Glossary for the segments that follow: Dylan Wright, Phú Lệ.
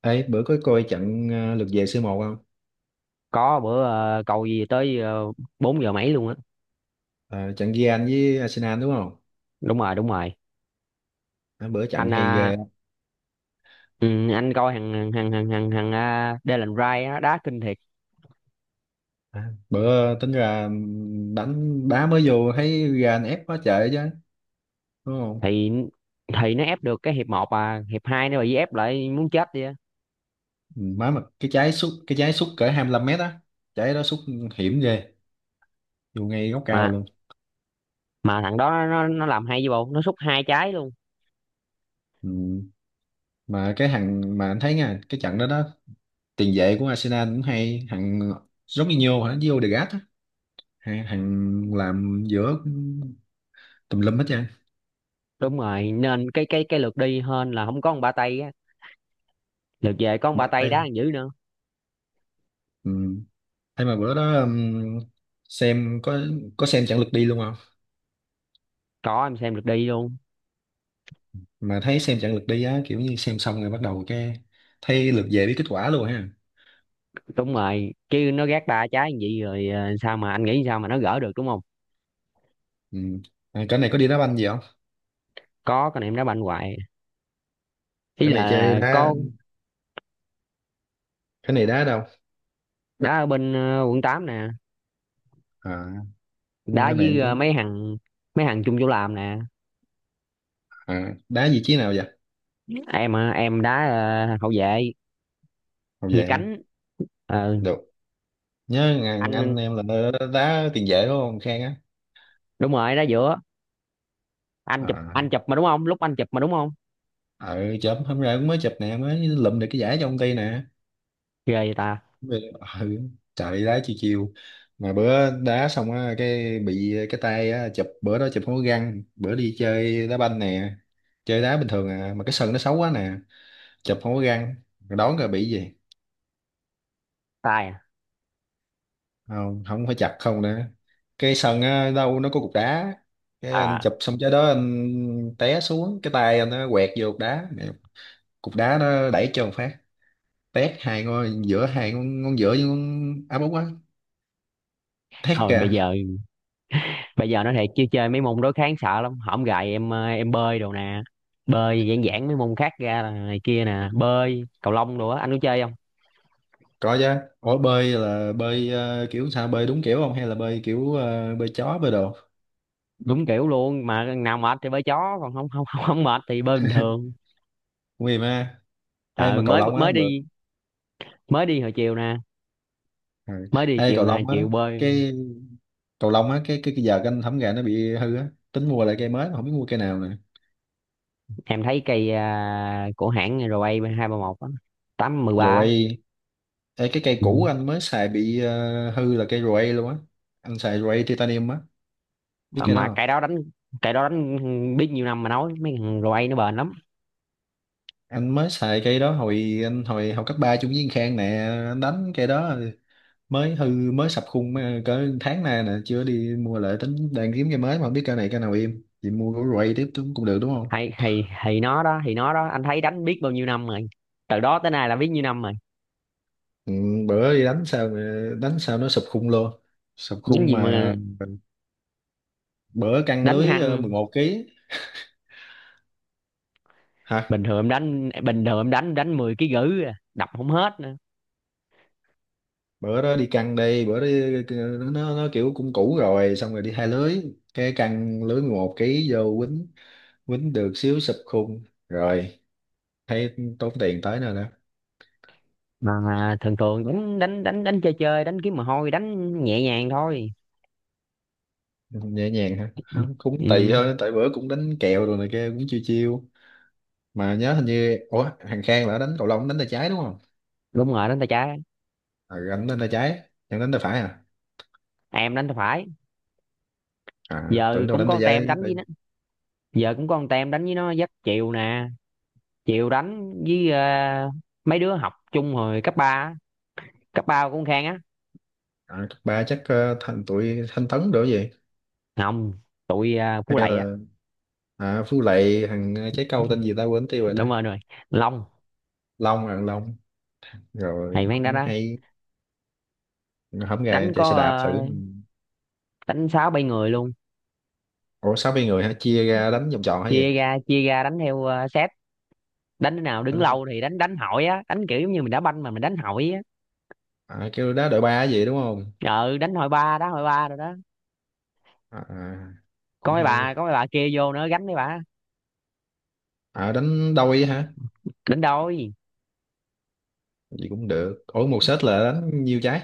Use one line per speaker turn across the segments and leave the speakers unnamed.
Ê, bữa có coi trận lượt về C1 không?
Có bữa cầu gì tới 4 giờ mấy luôn á.
Ờ, trận Real với Arsenal đúng không?
Đúng rồi, đúng rồi.
À, bữa trận
Anh
hay
à,
ghê.
ừ, anh coi thằng thằng thằng thằng thằng à, Dylan Wright á, đá kinh thiệt.
À, bữa tính ra đánh đá mới vô thấy Real ép quá trời chứ, đúng không?
Thì thì nó ép được cái hiệp một, à hiệp 2 nó bị ép lại muốn chết đi á.
Ừ, má mà cái trái sút cỡ 25 mét á, trái đó sút hiểm ghê, vô ngay góc cao
mà
luôn.
mà thằng đó nó làm hay, với bộ nó sút hai trái luôn.
Ừ. Mà cái thằng mà anh thấy nha, cái trận đó đó tiền vệ của Arsenal cũng hay, thằng Jorginho hả, với Odegaard á, thằng thằng làm giữa cũng tùm lum hết trơn.
Đúng rồi, nên cái lượt đi hên là không có một ba tay á, lượt về có một ba
Mặt
tay đá
tay.
thằng dữ nữa.
Ừ. Thế mà bữa đó xem có xem chặng lượt đi luôn không?
Có em xem lượt đi luôn.
Mà thấy xem chặng lượt đi á, kiểu như xem xong rồi bắt đầu cái thấy lượt về biết kết quả luôn ha.
Đúng rồi chứ, nó gác ba trái như vậy rồi, sao mà anh nghĩ sao mà nó gỡ được, đúng không?
Ừ. À, cái này có đi đá banh gì không?
Có, con em đá banh hoài. Ý
Cái này chơi
là,
đá,
con
cái này đá đâu?
đá ở bên quận 8 nè.
À,
Đá
cái này anh
với
cũng
mấy thằng, mấy thằng chung chỗ làm nè.
à, đá vị trí nào vậy?
Em đá hậu vệ
Không
về
vậy ha.
cánh. Ờ,
Được. Nhớ ngàn anh
anh.
em là đá tiền vệ đúng không Khang á?
Đúng rồi, đá giữa. anh chụp
À,
anh chụp mà đúng không, lúc anh chụp mà đúng không?
ờ chớm hôm nay cũng mới chụp nè, mới lụm được cái giải cho công ty nè.
Ghê vậy ta.
Đúng rồi. Ừ, trời đi đá chiều chiều, mà bữa đá xong á cái bị cái tay á, chụp bữa đó chụp không có găng, bữa đi chơi đá banh nè, chơi đá bình thường à mà cái sân nó xấu quá nè, chụp không có găng rồi đón rồi bị gì,
Tài à.
không không phải chặt không nữa. Cái sân á đâu nó có cục đá, cái anh
À,
chụp xong cái đó anh té xuống, cái tay anh nó quẹt vô cục đá. Mẹ, cục đá nó đẩy cho một phát, tét hai ngón giữa, hai ngón, ngón giữa với ngón áp út á, thét
thôi
kìa.
bây giờ, bây giờ nói thiệt chứ chơi mấy môn đối kháng sợ lắm, hổm gài em bơi đồ nè. Bơi giản giản mấy môn khác ra là này kia nè, bơi cầu lông đồ á anh có chơi không?
Có chứ. Ủa bơi là bơi kiểu sao, bơi đúng kiểu không hay là bơi kiểu bơi chó bơi đồ?
Đúng kiểu luôn, mà nào mệt thì bơi chó, còn không mệt thì bơi bình thường.
Nguy mà. Ê
ờ
mà cầu
mới
lông á
mới
bự.
đi, mới đi hồi chiều nè,
Ừ.
mới đi
Ê
chiều
cầu
nè,
lông á,
chiều bơi.
cái cái giờ anh thấm gà nó bị hư á, tính mua lại cây mới mà không biết mua cây nào nè.
Em thấy cây à, của hãng RA hai ba một tám mười ba.
Rồi ê, cái cây
Ừ.
cũ anh mới xài bị hư là cây rồi luôn á. Anh xài rồi titanium á, biết cây
Mà
đó
cây
không?
đó đánh, cây đó đánh biết nhiêu năm mà, nói mấy thằng RA nó bền lắm.
Anh mới xài cây đó hồi anh hồi học cấp ba chung với thằng Khang nè, anh đánh cây đó mới hư, mới sập khung mới- ờ, cỡ tháng nay nè, chưa đi mua lại, tính đang kiếm cái mới mà không biết cái này cái nào, im chị mua của Ray tiếp cũng cũng được đúng không?
Hay, thì nó đó, thì nó đó, anh thấy đánh biết bao nhiêu năm rồi, từ đó tới nay là biết nhiêu năm rồi.
Ừ, bữa đi đánh sao, ờ, đánh sao nó sập khung luôn, sập
Những
khung
gì
mà.
mà
Bữa căng
đánh
lưới ờ, mười
hăng.
một ký Hả?
Bình thường em đánh, bình thường em đánh đánh 10 ký gữ à, đập không hết nữa.
Bữa đó đi căng đây bữa đó, nó kiểu cũng cũ rồi, xong rồi đi hai lưới, cái căng lưới 11 ký vô quýnh, quýnh được xíu sập khung. Rồi, thấy tốn tiền tới nơi đó.
Mà thường thường đánh đánh đánh đánh chơi chơi đánh kiếm mồ hôi, đánh nhẹ nhàng thôi.
Nhẹ nhàng hả,
Ừ.
không cũng tùy
Ừ.
thôi, tại bữa cũng đánh kèo rồi này kia, cũng chiêu chiêu. Mà nhớ hình như ủa thằng Khang là đánh cầu lông đánh tay trái đúng không?
Đúng rồi, đánh tay trái.
À, anh đánh tay trái, chẳng đánh tay phải à?
Em đánh tay phải.
À
Giờ
tưởng đâu
cũng
đánh
có
tay
con tem
trái.
đánh với nó, giờ cũng có con tem đánh với nó dắt chiều nè, chiều đánh với mấy đứa học chung hồi cấp 3 á, cấp ba cũng khang á.
À, cấp ba chắc thành tụi Thanh Tấn được gì,
Không, tụi
hay
Phú Lệ á.
là à, Phú Lệ thằng trái câu tên gì ta, quên tiêu rồi
Đúng
ta.
rồi, đúng rồi, Long.
Long à, Long,
Hay
rồi
mấy anh đó
cũng
đó.
hay. Hôm nay
Đánh
chạy
có
xe đạp thử.
đánh sáu bảy người luôn.
Ủa 60 người hả, chia ra đánh vòng tròn hay gì?
Chia ra, chia ra đánh theo set, đánh cái nào đứng
Đánh-
lâu thì đánh, đánh hỏi á, đánh kiểu giống như mình đá banh mà mình đánh hỏi á.
à, kêu đá đội ba hay gì đúng không?
Ờ đánh hỏi ba, đá hỏi ba rồi đó.
À, à,
Có
cũng
mấy
hay
bà,
đi.
có mấy bà kia vô nữa, gánh mấy bà.
À đánh đôi hả,
Đánh đôi.
gì cũng được. Ủa một set là đánh nhiêu trái?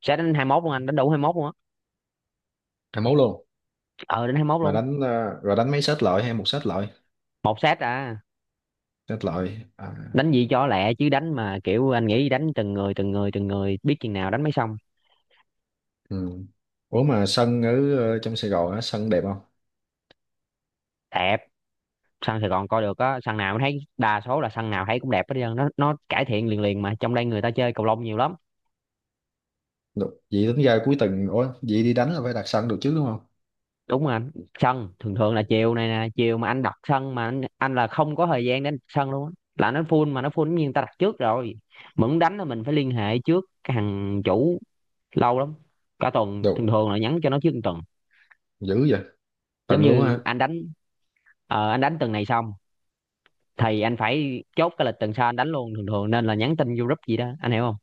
Sát đến 21 luôn, anh đánh đủ 21 luôn á,
À mấu luôn.
ờ đến 21
Mà
luôn.
đánh rồi đánh mấy set loại hay một set loại?
Một sát à.
Set loại à.
Đánh gì cho lẹ chứ, đánh mà kiểu anh nghĩ đánh từng người, từng người, từng người biết chừng nào đánh mới xong.
Ừ. Ủa mà sân ở trong Sài Gòn á sân đẹp không?
Đẹp. Sân Sài Gòn coi được á, sân nào thấy, đa số là sân nào thấy cũng đẹp hết trơn, nó cải thiện liền liền mà, trong đây người ta chơi cầu lông nhiều lắm.
Được vậy tính ra cuối tuần, ủa vậy đi đánh là phải đặt sân được chứ đúng không?
Đúng rồi anh. Sân thường thường là chiều này nè, chiều mà anh đặt sân mà anh là không có thời gian để anh đặt sân luôn á. Là nó full, mà nó full giống như người ta đặt trước rồi. Mà muốn đánh là mình phải liên hệ trước cái thằng chủ, lâu lắm, cả tuần, thường
Được,
thường là nhắn cho nó trước một tuần.
dữ vậy,
Giống
tuần luôn
như
hả?
anh đánh, anh đánh tuần này xong thì anh phải chốt cái lịch tuần sau anh đánh luôn, thường thường, nên là nhắn tin vô group gì đó, anh hiểu không?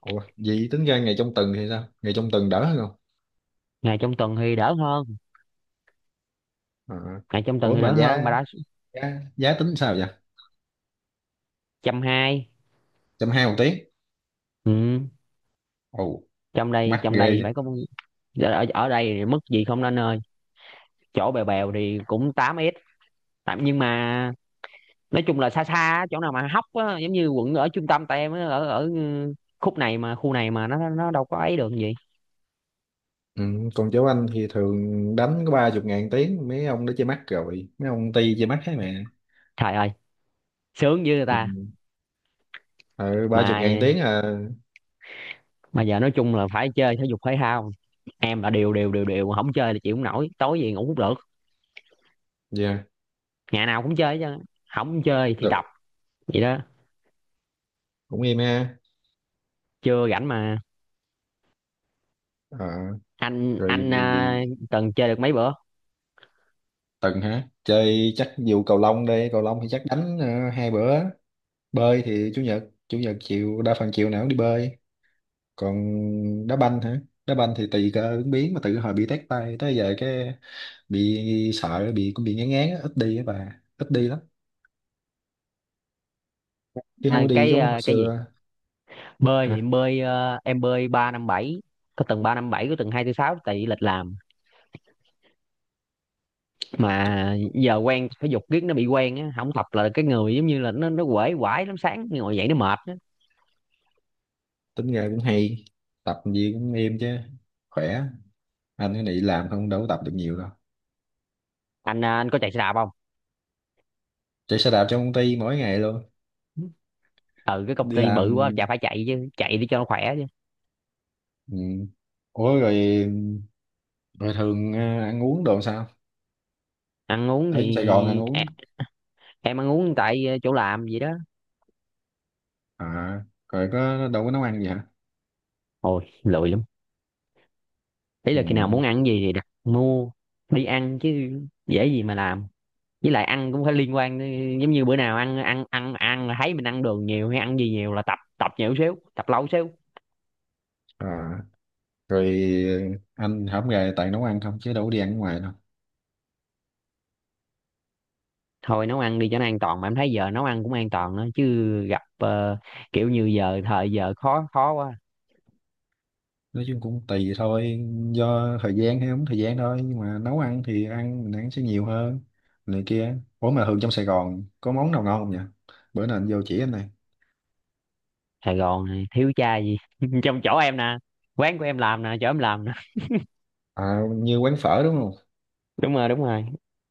Ủa vậy tính ra ngày trong tuần thì sao, ngày trong tuần đỡ hơn không?
Ngày trong tuần thì đỡ hơn,
À.
ngày trong tuần
Ủa
thì
mà
đỡ hơn mà
giá,
đã.
giá tính sao vậy?
Trăm hai.
Trăm hai một tiếng.
Ừ.
Ồ,
Trong đây,
mắc
trong đây thì
ghê.
phải có, ở đây thì mức gì không nên ơi. Chỗ bèo bèo thì cũng 8 s tạm, nhưng mà nói chung là xa xa á, chỗ nào mà hóc á, giống như quận ở trung tâm tại em á, ở ở khúc này mà, khu này mà nó đâu có ấy được gì.
Ừ, còn cháu anh thì thường đánh có 30 chục ngàn tiếng, mấy ông đó chơi mắt rồi, mấy ông ti chơi mắt hết mẹ.
Trời ơi, sướng với người
Ừ.
ta.
Ờ ba
mà
chục ngàn tiếng à.
mà giờ nói chung là phải chơi thể dục thể thao, em là đều đều đều đều không chơi là chịu không nổi, tối về ngủ cũng được.
Dạ.
Ngày nào cũng chơi chứ, không chơi thì tập.
Được.
Vậy đó.
Cũng im ha.
Chưa rảnh mà.
Ờ.
anh
Rồi
anh à, từng chơi được mấy bữa.
tuần hả, chơi chắc vụ cầu lông đây, cầu lông thì chắc đánh hai bữa, bơi thì chủ nhật, chủ nhật chiều đa phần chiều nào cũng đi bơi, còn đá banh hả, đá banh thì tùy cơ ứng biến, mà từ hồi bị tét tay tới giờ cái bị sợ, bị cũng bị ngán ngán á, ít đi á, bà ít đi lắm, chứ không có đi giống hồi
À, cái gì,
xưa.
bơi thì bơi à, em bơi ba năm bảy, có từng ba năm bảy, có từng hai tư sáu, tại vì lịch làm.
T-
Mà giờ quen thể dục riết nó bị quen á, không tập là cái người giống như là nó quể quải lắm, sáng ngồi dậy nó mệt á.
tính ra cũng hay, tập gì cũng êm chứ, khỏe. Anh cái này làm không đâu có tập được nhiều đâu.
Anh à, anh có chạy xe đạp không?
Chạy xe đạp trong công ty mỗi ngày luôn,
Ừ cái công
đi
ty
làm.
bự quá chả phải chạy chứ, chạy để cho nó khỏe chứ.
Ừ. Ủa rồi, rồi thường ăn uống đồ sao,
Ăn uống thì
ở Sài Gòn ăn uống?
em ăn uống tại chỗ làm gì đó.
À rồi có đâu có nấu ăn gì hả?
Ôi lười lắm, ý là khi nào muốn
Ừ.
ăn gì thì đặt mua, đi ăn chứ, dễ gì mà làm, với lại ăn cũng phải liên quan đến- giống như bữa nào ăn ăn ăn ăn là thấy mình ăn đường nhiều hay ăn gì nhiều là tập, tập nhiều xíu, tập lâu xíu.
À rồi anh không về tại nấu ăn không, chứ đâu có đi ăn ngoài đâu.
Thôi nấu ăn đi cho nó an toàn, mà em thấy giờ nấu ăn cũng an toàn nữa chứ, gặp kiểu như giờ thời giờ khó khó quá.
Nói chung cũng tùy thôi, do thời gian hay không thời gian thôi, nhưng mà nấu ăn thì ăn mình ăn sẽ nhiều hơn này kia. Ủa mà thường trong Sài Gòn có món nào ngon không nhỉ, bữa nào anh vô chỉ anh này.
Sài Gòn này thiếu cha gì trong chỗ em nè, quán của em làm nè, chỗ em làm nè.
À, như quán phở đúng không?
Đúng rồi, đúng rồi,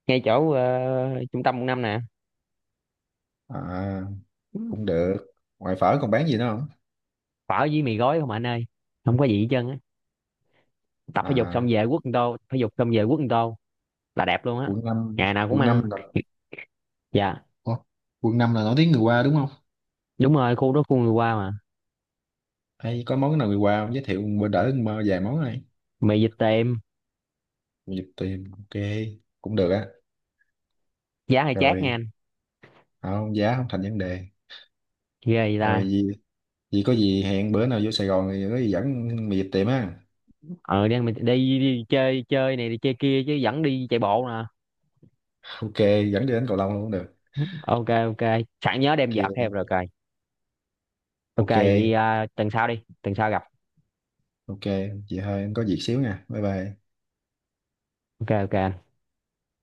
ngay chỗ trung tâm quận 5 nè.
À cũng được, ngoài phở còn bán gì nữa không?
Phở với mì gói không anh ơi, không có gì hết trơn á, tập thể dục
À.
xong về quất một tô, thể dục xong về quất một tô, là đẹp luôn á. Ngày nào cũng
Quận
ăn.
năm là.
Dạ.
Ủa? Quận năm là nổi tiếng người qua đúng không?
Đúng rồi, khu đó khu người qua mà.
Hay có món nào người qua không, giới thiệu bữa đỡ mơ vài món này.
Mì vịt tiệm.
Mình tìm ok, cũng được á.
Giá hơi chát nha
Rồi.
anh.
À, không, giá không thành vấn đề.
Ghê vậy
Rồi
ta.
gì, vì có gì hẹn bữa nào vô Sài Gòn thì có gì dẫn mày dịp tiệm á.
Ờ đi, ăn đi, đi chơi chơi này đi chơi kia chứ, vẫn đi chạy bộ nè.
Ok, dẫn đi đến cầu lông luôn cũng được.
OK, OK sẵn nhớ đem vợt theo
Ok,
rồi coi. OK
ok,
vậy à, tuần sau đi, tuần sau gặp.
ok. Chị hơi em có việc xíu nha. Bye bye.
OK, OK anh.